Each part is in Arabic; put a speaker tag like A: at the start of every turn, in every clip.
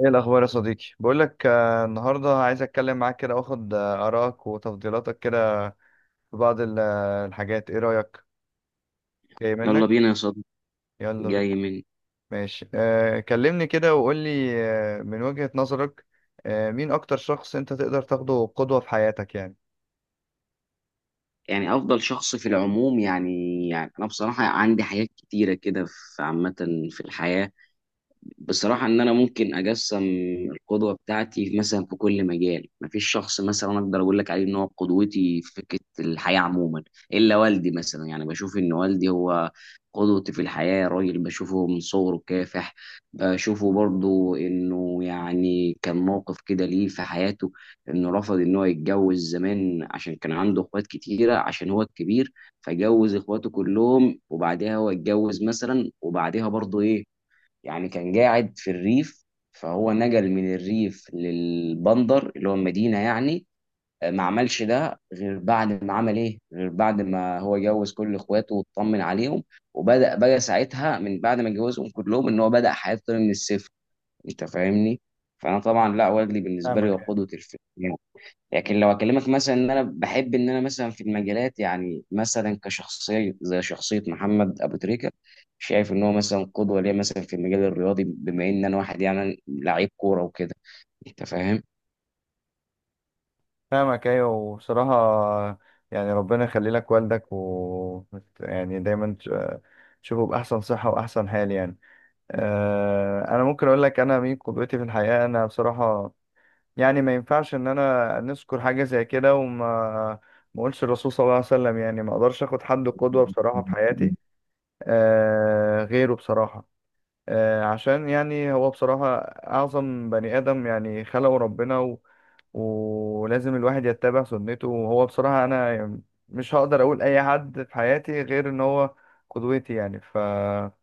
A: ايه الاخبار يا صديقي؟ بقول لك النهارده عايز اتكلم معاك كده واخد ارائك وتفضيلاتك كده في بعض الحاجات. ايه رايك؟ جاي
B: يلا
A: منك؟
B: بينا يا صديقي.
A: يلا بينا.
B: جاي من
A: ماشي، كلمني كده وقول لي، من وجهة نظرك، مين اكتر شخص انت تقدر تاخده قدوة في حياتك يعني؟
B: يعني افضل شخص في العموم يعني؟ يعني انا بصراحه عندي حاجات كتيره كده في عامه في الحياه. بصراحة إن أنا ممكن أقسم القدوة بتاعتي مثلا في كل مجال، مفيش شخص مثلا أقدر أقول لك عليه إن هو قدوتي في فكرة الحياة عموما، إلا والدي. مثلا يعني بشوف إن والدي هو قدوتي في الحياة، راجل بشوفه من صغره كافح، بشوفه برضو إنه يعني كان موقف كده ليه في حياته، إنه رفض إن هو يتجوز زمان عشان كان عنده إخوات كتيرة عشان هو الكبير، فجوز إخواته كلهم وبعدها هو اتجوز مثلا. وبعدها برضو إيه يعني كان قاعد في الريف، فهو نقل من الريف للبندر اللي هو المدينة يعني. ما عملش ده غير بعد ما عمل ايه، غير بعد ما هو جوز كل اخواته واطمن عليهم، وبدأ بقى ساعتها من بعد ما جوزهم كلهم ان هو بدأ حياته من الصفر. انت فاهمني؟ فانا طبعا لا، وجدي بالنسبة لي هو
A: فاهمك.
B: قدوة الفيلم. لكن لو اكلمك مثلا ان انا بحب ان انا مثلا في المجالات، يعني مثلا كشخصيه زي شخصيه محمد ابو تريكه، شايف ان هو مثلا قدوه ليا مثلا في المجال الرياضي، بما ان انا واحد يعني لعيب كوره وكده. انت فاهم؟
A: فاهمك ايوه، وبصراحة يعني ربنا يخلي لك والدك، و يعني دايما تشوفه باحسن صحة واحسن حال يعني. انا ممكن اقول لك انا مين قدوتي في الحياة. انا بصراحة يعني ما ينفعش ان انا نذكر حاجه زي كده وما ما اقولش الرسول صلى الله عليه وسلم. يعني ما اقدرش اخد حد قدوه بصراحه في حياتي آه غيره بصراحه، آه عشان يعني هو بصراحه اعظم بني ادم يعني، خلقه ربنا، و... ولازم الواحد يتبع سنته. وهو بصراحه انا يعني مش هقدر اقول اي حد في حياتي غير ان هو قدوتي يعني. ف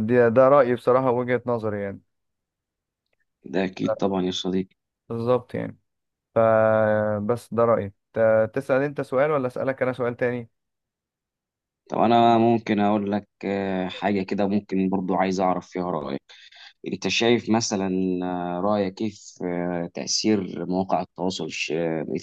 A: ده رايي بصراحه، وجهه نظري يعني.
B: ده اكيد طبعا يا صديقي.
A: بالظبط يعني. فبس ده رأيي. تسأل انت سؤال، ولا أسألك انا سؤال تاني؟
B: طب انا ممكن اقول لك حاجه كده ممكن برضو عايز اعرف فيها رايك. انت شايف مثلا رأيك ايه في تأثير مواقع التواصل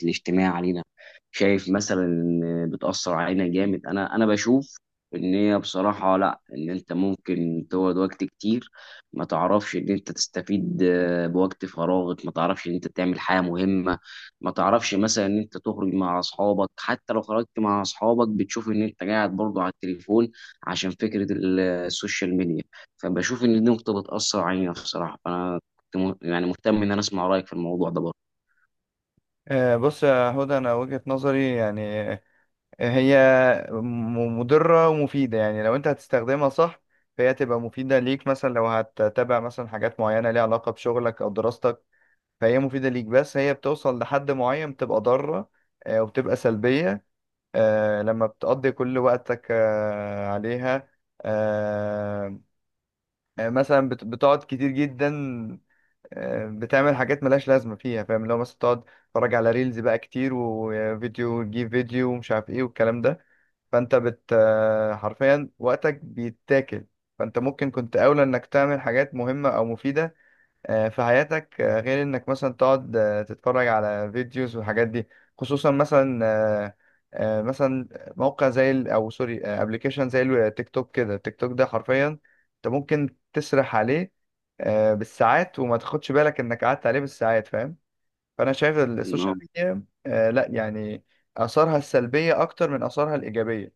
B: الاجتماعي علينا؟ شايف مثلا إن بتأثر علينا جامد؟ انا بشوف ان هي بصراحة لا، ان انت ممكن تقعد وقت كتير ما تعرفش ان انت تستفيد بوقت فراغك، ما تعرفش ان انت تعمل حاجة مهمة، ما تعرفش مثلا ان انت تخرج مع اصحابك، حتى لو خرجت مع اصحابك بتشوف ان انت قاعد برضه على التليفون عشان فكرة السوشيال ميديا. فبشوف ان دي نقطه بتاثر علينا بصراحه. فانا كنت يعني مهتم ان انا اسمع رايك في الموضوع ده.
A: بص يا هدى، انا وجهة نظري يعني هي مضرة ومفيدة. يعني لو انت هتستخدمها صح فهي تبقى مفيدة ليك، مثلا لو هتتابع مثلا حاجات معينة ليها علاقة بشغلك او دراستك فهي مفيدة ليك. بس هي بتوصل لحد معين بتبقى ضارة وبتبقى سلبية، لما بتقضي كل وقتك عليها، آه، مثلا بتقعد كتير جدا، بتعمل حاجات ملهاش لازمة فيها. فاهم؟ لو مثلا تقعد تتفرج على ريلز بقى كتير، وفيديو تجيب فيديو ومش عارف ايه والكلام ده، فانت بت آه، حرفيا وقتك بيتاكل. فانت ممكن كنت اولى انك تعمل حاجات مهمة او مفيدة في حياتك، غير انك مثلا تقعد تتفرج على فيديوز والحاجات دي. خصوصا مثلا مثلا موقع او سوري، ابلكيشن زي التيك توك كده. التيك توك ده حرفيا انت ممكن تسرح عليه بالساعات وما تاخدش بالك انك قعدت عليه بالساعات. فاهم؟ فانا شايف السوشيال
B: برضه
A: ميديا لا يعني اثارها السلبية اكتر من اثارها الايجابية.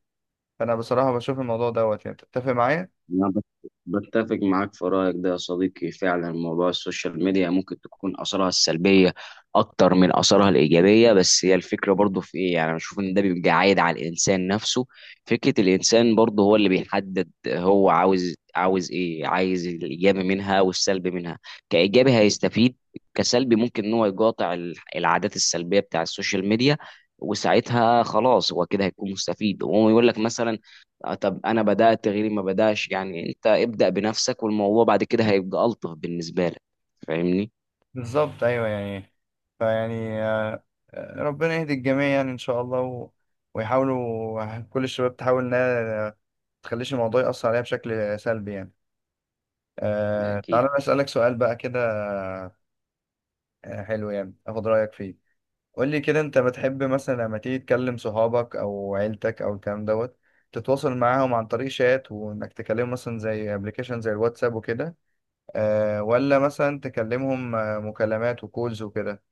A: فانا بصراحة بشوف الموضوع دوت يعني. تتفق معايا؟
B: أنا بتفق معاك في رأيك ده يا صديقي، فعلا موضوع السوشيال ميديا ممكن تكون آثارها السلبية أكتر من آثارها الإيجابية. بس هي الفكرة برضه في إيه، يعني أنا بشوف إن ده بيبقى عايد على الإنسان نفسه، فكرة الإنسان برضه هو اللي بيحدد هو عاوز إيه، عايز الإيجابي منها والسلبي منها. كإيجابي هيستفيد، كسلبي ممكن إن هو يقاطع العادات السلبية بتاع السوشيال ميديا، وساعتها خلاص هو كده هيكون مستفيد. وهو يقول لك مثلا طب انا بدات غيري ما بداش، يعني انت ابدا بنفسك والموضوع بعد كده هيبقى الطف بالنسبه لك. فاهمني؟
A: بالظبط ايوه يعني. فيعني آه، آه، ربنا يهدي الجميع يعني ان شاء الله، و... ويحاولوا كل الشباب تحاول انها ما تخليش الموضوع يأثر عليها بشكل سلبي يعني. أه،
B: أكيد.
A: تعالى أنا اسالك سؤال بقى كده، حلو يعني اخد رايك فيه. قول لي كده، انت بتحب مثلا لما تيجي تكلم صحابك او عيلتك او الكلام دوت تتواصل معاهم عن طريق شات، وانك تكلمهم مثلا زي ابلكيشن زي الواتساب وكده، أه، ولا مثلا تكلمهم مكالمات وكولز وكده؟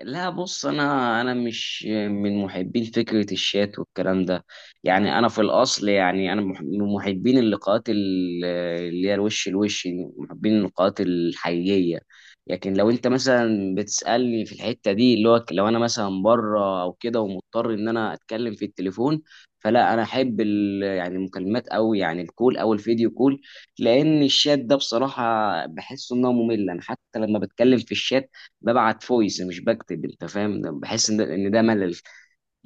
B: لا بص، انا مش من محبين فكره الشات والكلام ده. يعني انا في الاصل يعني انا من محبين اللقاءات اللي هي الوش الوش، محبين اللقاءات الحقيقيه. لكن لو انت مثلا بتسالني في الحته دي اللي هو لو انا مثلا بره او كده، ومضطر ان انا اتكلم في التليفون، فلا انا احب يعني المكالمات، او يعني الكول او الفيديو كول. لان الشات ده بصراحه بحس انه ممل. انا حتى لما بتكلم في الشات ببعت فويس مش بكتب، انت فاهم؟ بحس ان ده ان ده ملل.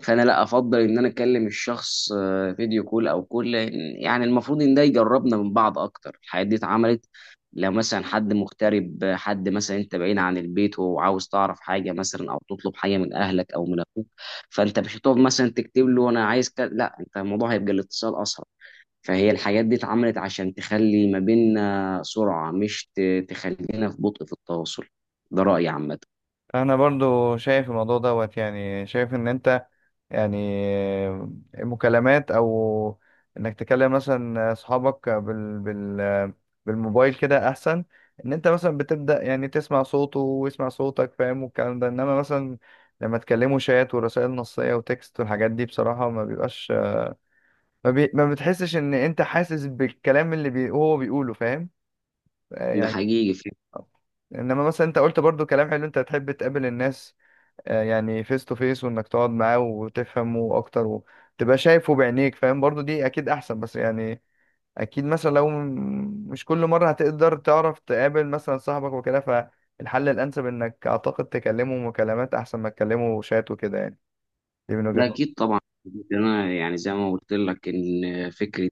B: فانا لا، افضل ان انا اكلم الشخص فيديو كول او كل، يعني المفروض ان ده يجربنا من بعض اكتر. الحاجات دي اتعملت لو مثلا حد مغترب، حد مثلا انت بعيد عن البيت وعاوز تعرف حاجه مثلا او تطلب حاجه من اهلك او من اخوك، فانت مش هتقعد مثلا تكتب له انا عايز كده، لا، انت الموضوع هيبقى الاتصال اسرع. فهي الحاجات دي اتعملت عشان تخلي ما بيننا سرعه، مش تخلينا في بطء في التواصل. ده رايي عامه.
A: انا برضو شايف الموضوع دوت، يعني شايف ان انت يعني مكالمات، او انك تكلم مثلا اصحابك بال بالموبايل كده احسن. ان انت مثلا بتبدا يعني تسمع صوته ويسمع صوتك، فاهم؟ والكلام ده. انما مثلا لما تكلموا شات ورسائل نصيه وتكست والحاجات دي بصراحه ما بيبقاش، ما بتحسش ان انت حاسس بالكلام اللي هو بيقوله، فاهم؟
B: ده
A: يعني
B: حقيقي فعلا.
A: انما مثلا انت قلت برضو كلام حلو، انت تحب تقابل الناس يعني فيس تو فيس، وانك تقعد معاه وتفهمه اكتر وتبقى شايفه بعينيك، فاهم؟ برضو دي اكيد احسن. بس يعني اكيد مثلا لو مش كل مرة هتقدر تعرف تقابل مثلا صاحبك وكده، فالحل الانسب انك اعتقد تكلمه مكالمات احسن ما تكلمه شات وكده يعني. دي من وجهة
B: ده
A: نظري.
B: اكيد طبعا. انا يعني زي ما قلت لك ان فكره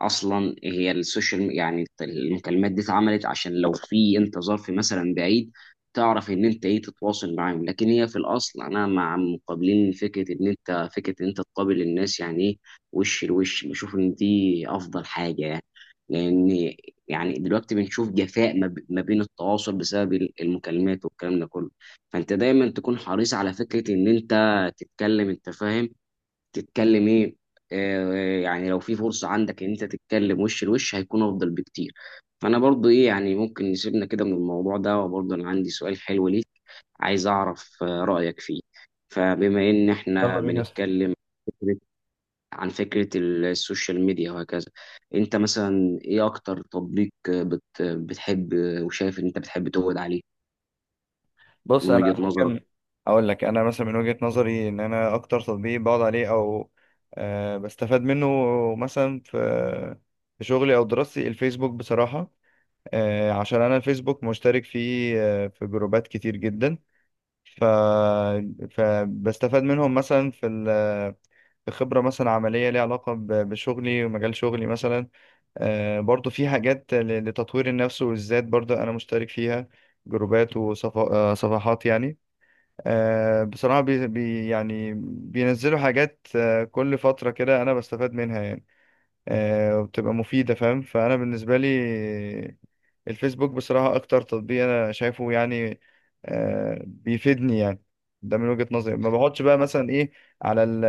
B: اصلا هي السوشيال، يعني المكالمات دي اتعملت عشان لو في انت ظرف مثلا بعيد، تعرف ان انت ايه، تتواصل معاهم. لكن هي في الاصل انا مع مقابلين فكره ان انت، فكره ان انت تقابل الناس يعني ايه، وش لوش. بشوف ان دي افضل حاجه يعني. لان يعني دلوقتي بنشوف جفاء ما بين التواصل بسبب المكالمات والكلام ده كله. فانت دايما تكون حريص على فكره ان انت تتكلم، انت فاهم؟ تتكلم ايه يعني لو في فرصة عندك ان انت تتكلم وش لوش هيكون افضل بكتير. فانا برضو ايه، يعني ممكن نسيبنا كده من الموضوع ده، وبرضو انا عندي سؤال حلو ليك، عايز اعرف رأيك فيه. فبما ان
A: يلا
B: احنا
A: بينا يا صاحبي.
B: بنتكلم فكرة- عن فكرة السوشيال ميديا وهكذا، انت مثلا ايه اكتر تطبيق آه، بت بتحب وشايف ان انت بتحب تقعد عليه
A: بص
B: من
A: انا
B: وجهة نظرك؟
A: ممكن اقول لك انا مثلا من وجهة نظري ان انا اكتر تطبيق بقعد عليه او أه بستفاد منه مثلا في في شغلي او دراستي، الفيسبوك بصراحة. عشان انا الفيسبوك مشترك فيه في جروبات كتير جدا، ف... فبستفاد منهم مثلا في ال... في خبرة مثلا عملية ليها علاقة بشغلي ومجال شغلي مثلا. برضو في حاجات لتطوير النفس والذات برضو انا مشترك فيها، جروبات وصفحات يعني. بصراحة يعني بينزلوا حاجات كل فترة كده انا بستفاد منها يعني وبتبقى مفيدة. فاهم؟ فانا بالنسبة لي الفيسبوك بصراحة أكتر تطبيق أنا شايفه يعني بيفيدني يعني. ده من وجهة نظري. ما بقعدش بقى مثلا إيه على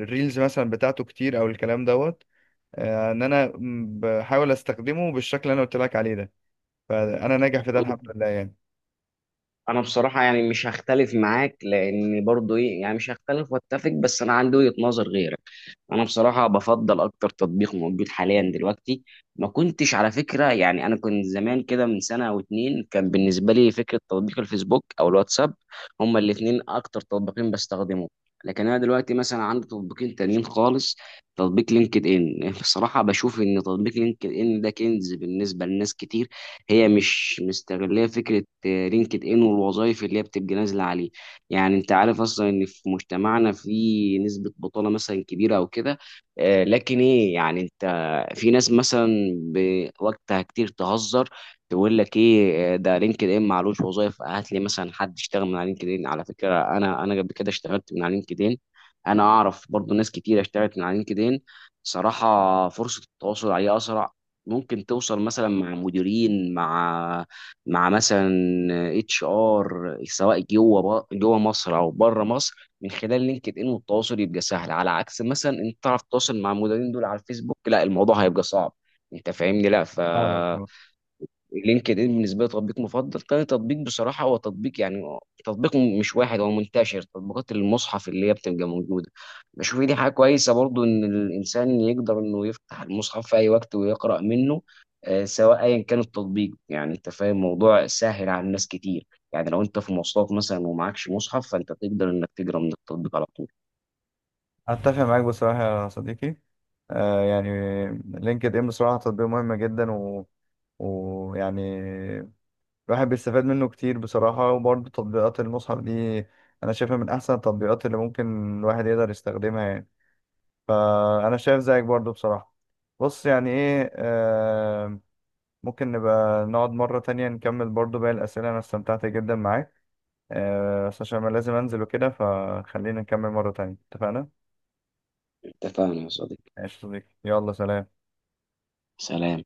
A: الريلز مثلا بتاعته كتير أو الكلام دوت. إن أنا بحاول أستخدمه بالشكل اللي أنا قلت لك عليه ده، فأنا ناجح في ده الحمد لله يعني.
B: انا بصراحه يعني مش هختلف معاك، لان برضو ايه يعني مش هختلف واتفق، بس انا عندي وجهه نظر غيرك. انا بصراحه بفضل اكتر تطبيق موجود حاليا دلوقتي، ما كنتش على فكره، يعني انا كنت زمان كده من سنه او اتنين كان بالنسبه لي فكره تطبيق الفيسبوك او الواتساب، هما الاتنين اكتر تطبيقين بستخدمهم. لكن انا دلوقتي مثلا عندي تطبيقين تانيين خالص. تطبيق لينكد ان، بصراحه بشوف ان تطبيق لينكد ان ده كنز بالنسبه لناس كتير، هي مش مستغلية فكرة لينكد ان والوظائف اللي هي بتبقى نازلة عليه. يعني انت عارف اصلا ان في مجتمعنا في نسبة بطالة مثلا كبيرة او كده، لكن ايه يعني انت، في ناس مثلا بوقتها كتير تهزر، تقول لك ايه ده لينكد ان معلوش، وظائف هات لي مثلا حد يشتغل من على لينكد ان. على فكرة انا قبل كده اشتغلت من على لينكد ان، انا اعرف برضو ناس كتير اشتغلت من على لينكد ان. صراحة فرصة التواصل عليه أسرع، ممكن توصل مثلا مع مديرين، مع مثلا HR، سواء جوه جوه مصر او بره مصر، من خلال لينكد ان والتواصل يبقى سهل. على عكس مثلا انت تعرف تتواصل مع المديرين دول على الفيسبوك، لا الموضوع هيبقى صعب. انت فاهمني؟ لا ف
A: فاهمك طبعاً.
B: لينكد ان بالنسبه لي تطبيق مفضل. تاني تطبيق بصراحه هو تطبيق يعني تطبيق مش واحد هو منتشر، تطبيقات المصحف اللي هي بتبقى موجوده. بشوف دي حاجه كويسه برضو ان الانسان يقدر انه يفتح المصحف في اي وقت ويقرا منه، سواء ايا كان التطبيق. يعني انت فاهم الموضوع سهل على الناس كتير، يعني لو انت في مواصلات مثلا ومعكش مصحف فانت تقدر انك تقرا من التطبيق على طول.
A: أتفق معاك بصراحة يا صديقي، يعني لينكد إن بصراحة تطبيق مهم جدا، و... ويعني الواحد بيستفاد منه كتير بصراحة. وبرضه تطبيقات المصحف دي أنا شايفها من أحسن التطبيقات اللي ممكن الواحد يقدر يستخدمها يعني. فأنا شايف زيك برضه بصراحة. بص يعني إيه، آه ممكن نبقى نقعد مرة تانية نكمل برضه باقي الأسئلة. أنا استمتعت جدا معاك، آه بس عشان أنا لازم أنزل وكده فخلينا نكمل مرة تانية، اتفقنا؟
B: انت فاهم يا صديقي.
A: ماشي يا صديقي، يلا سلام.
B: سلام.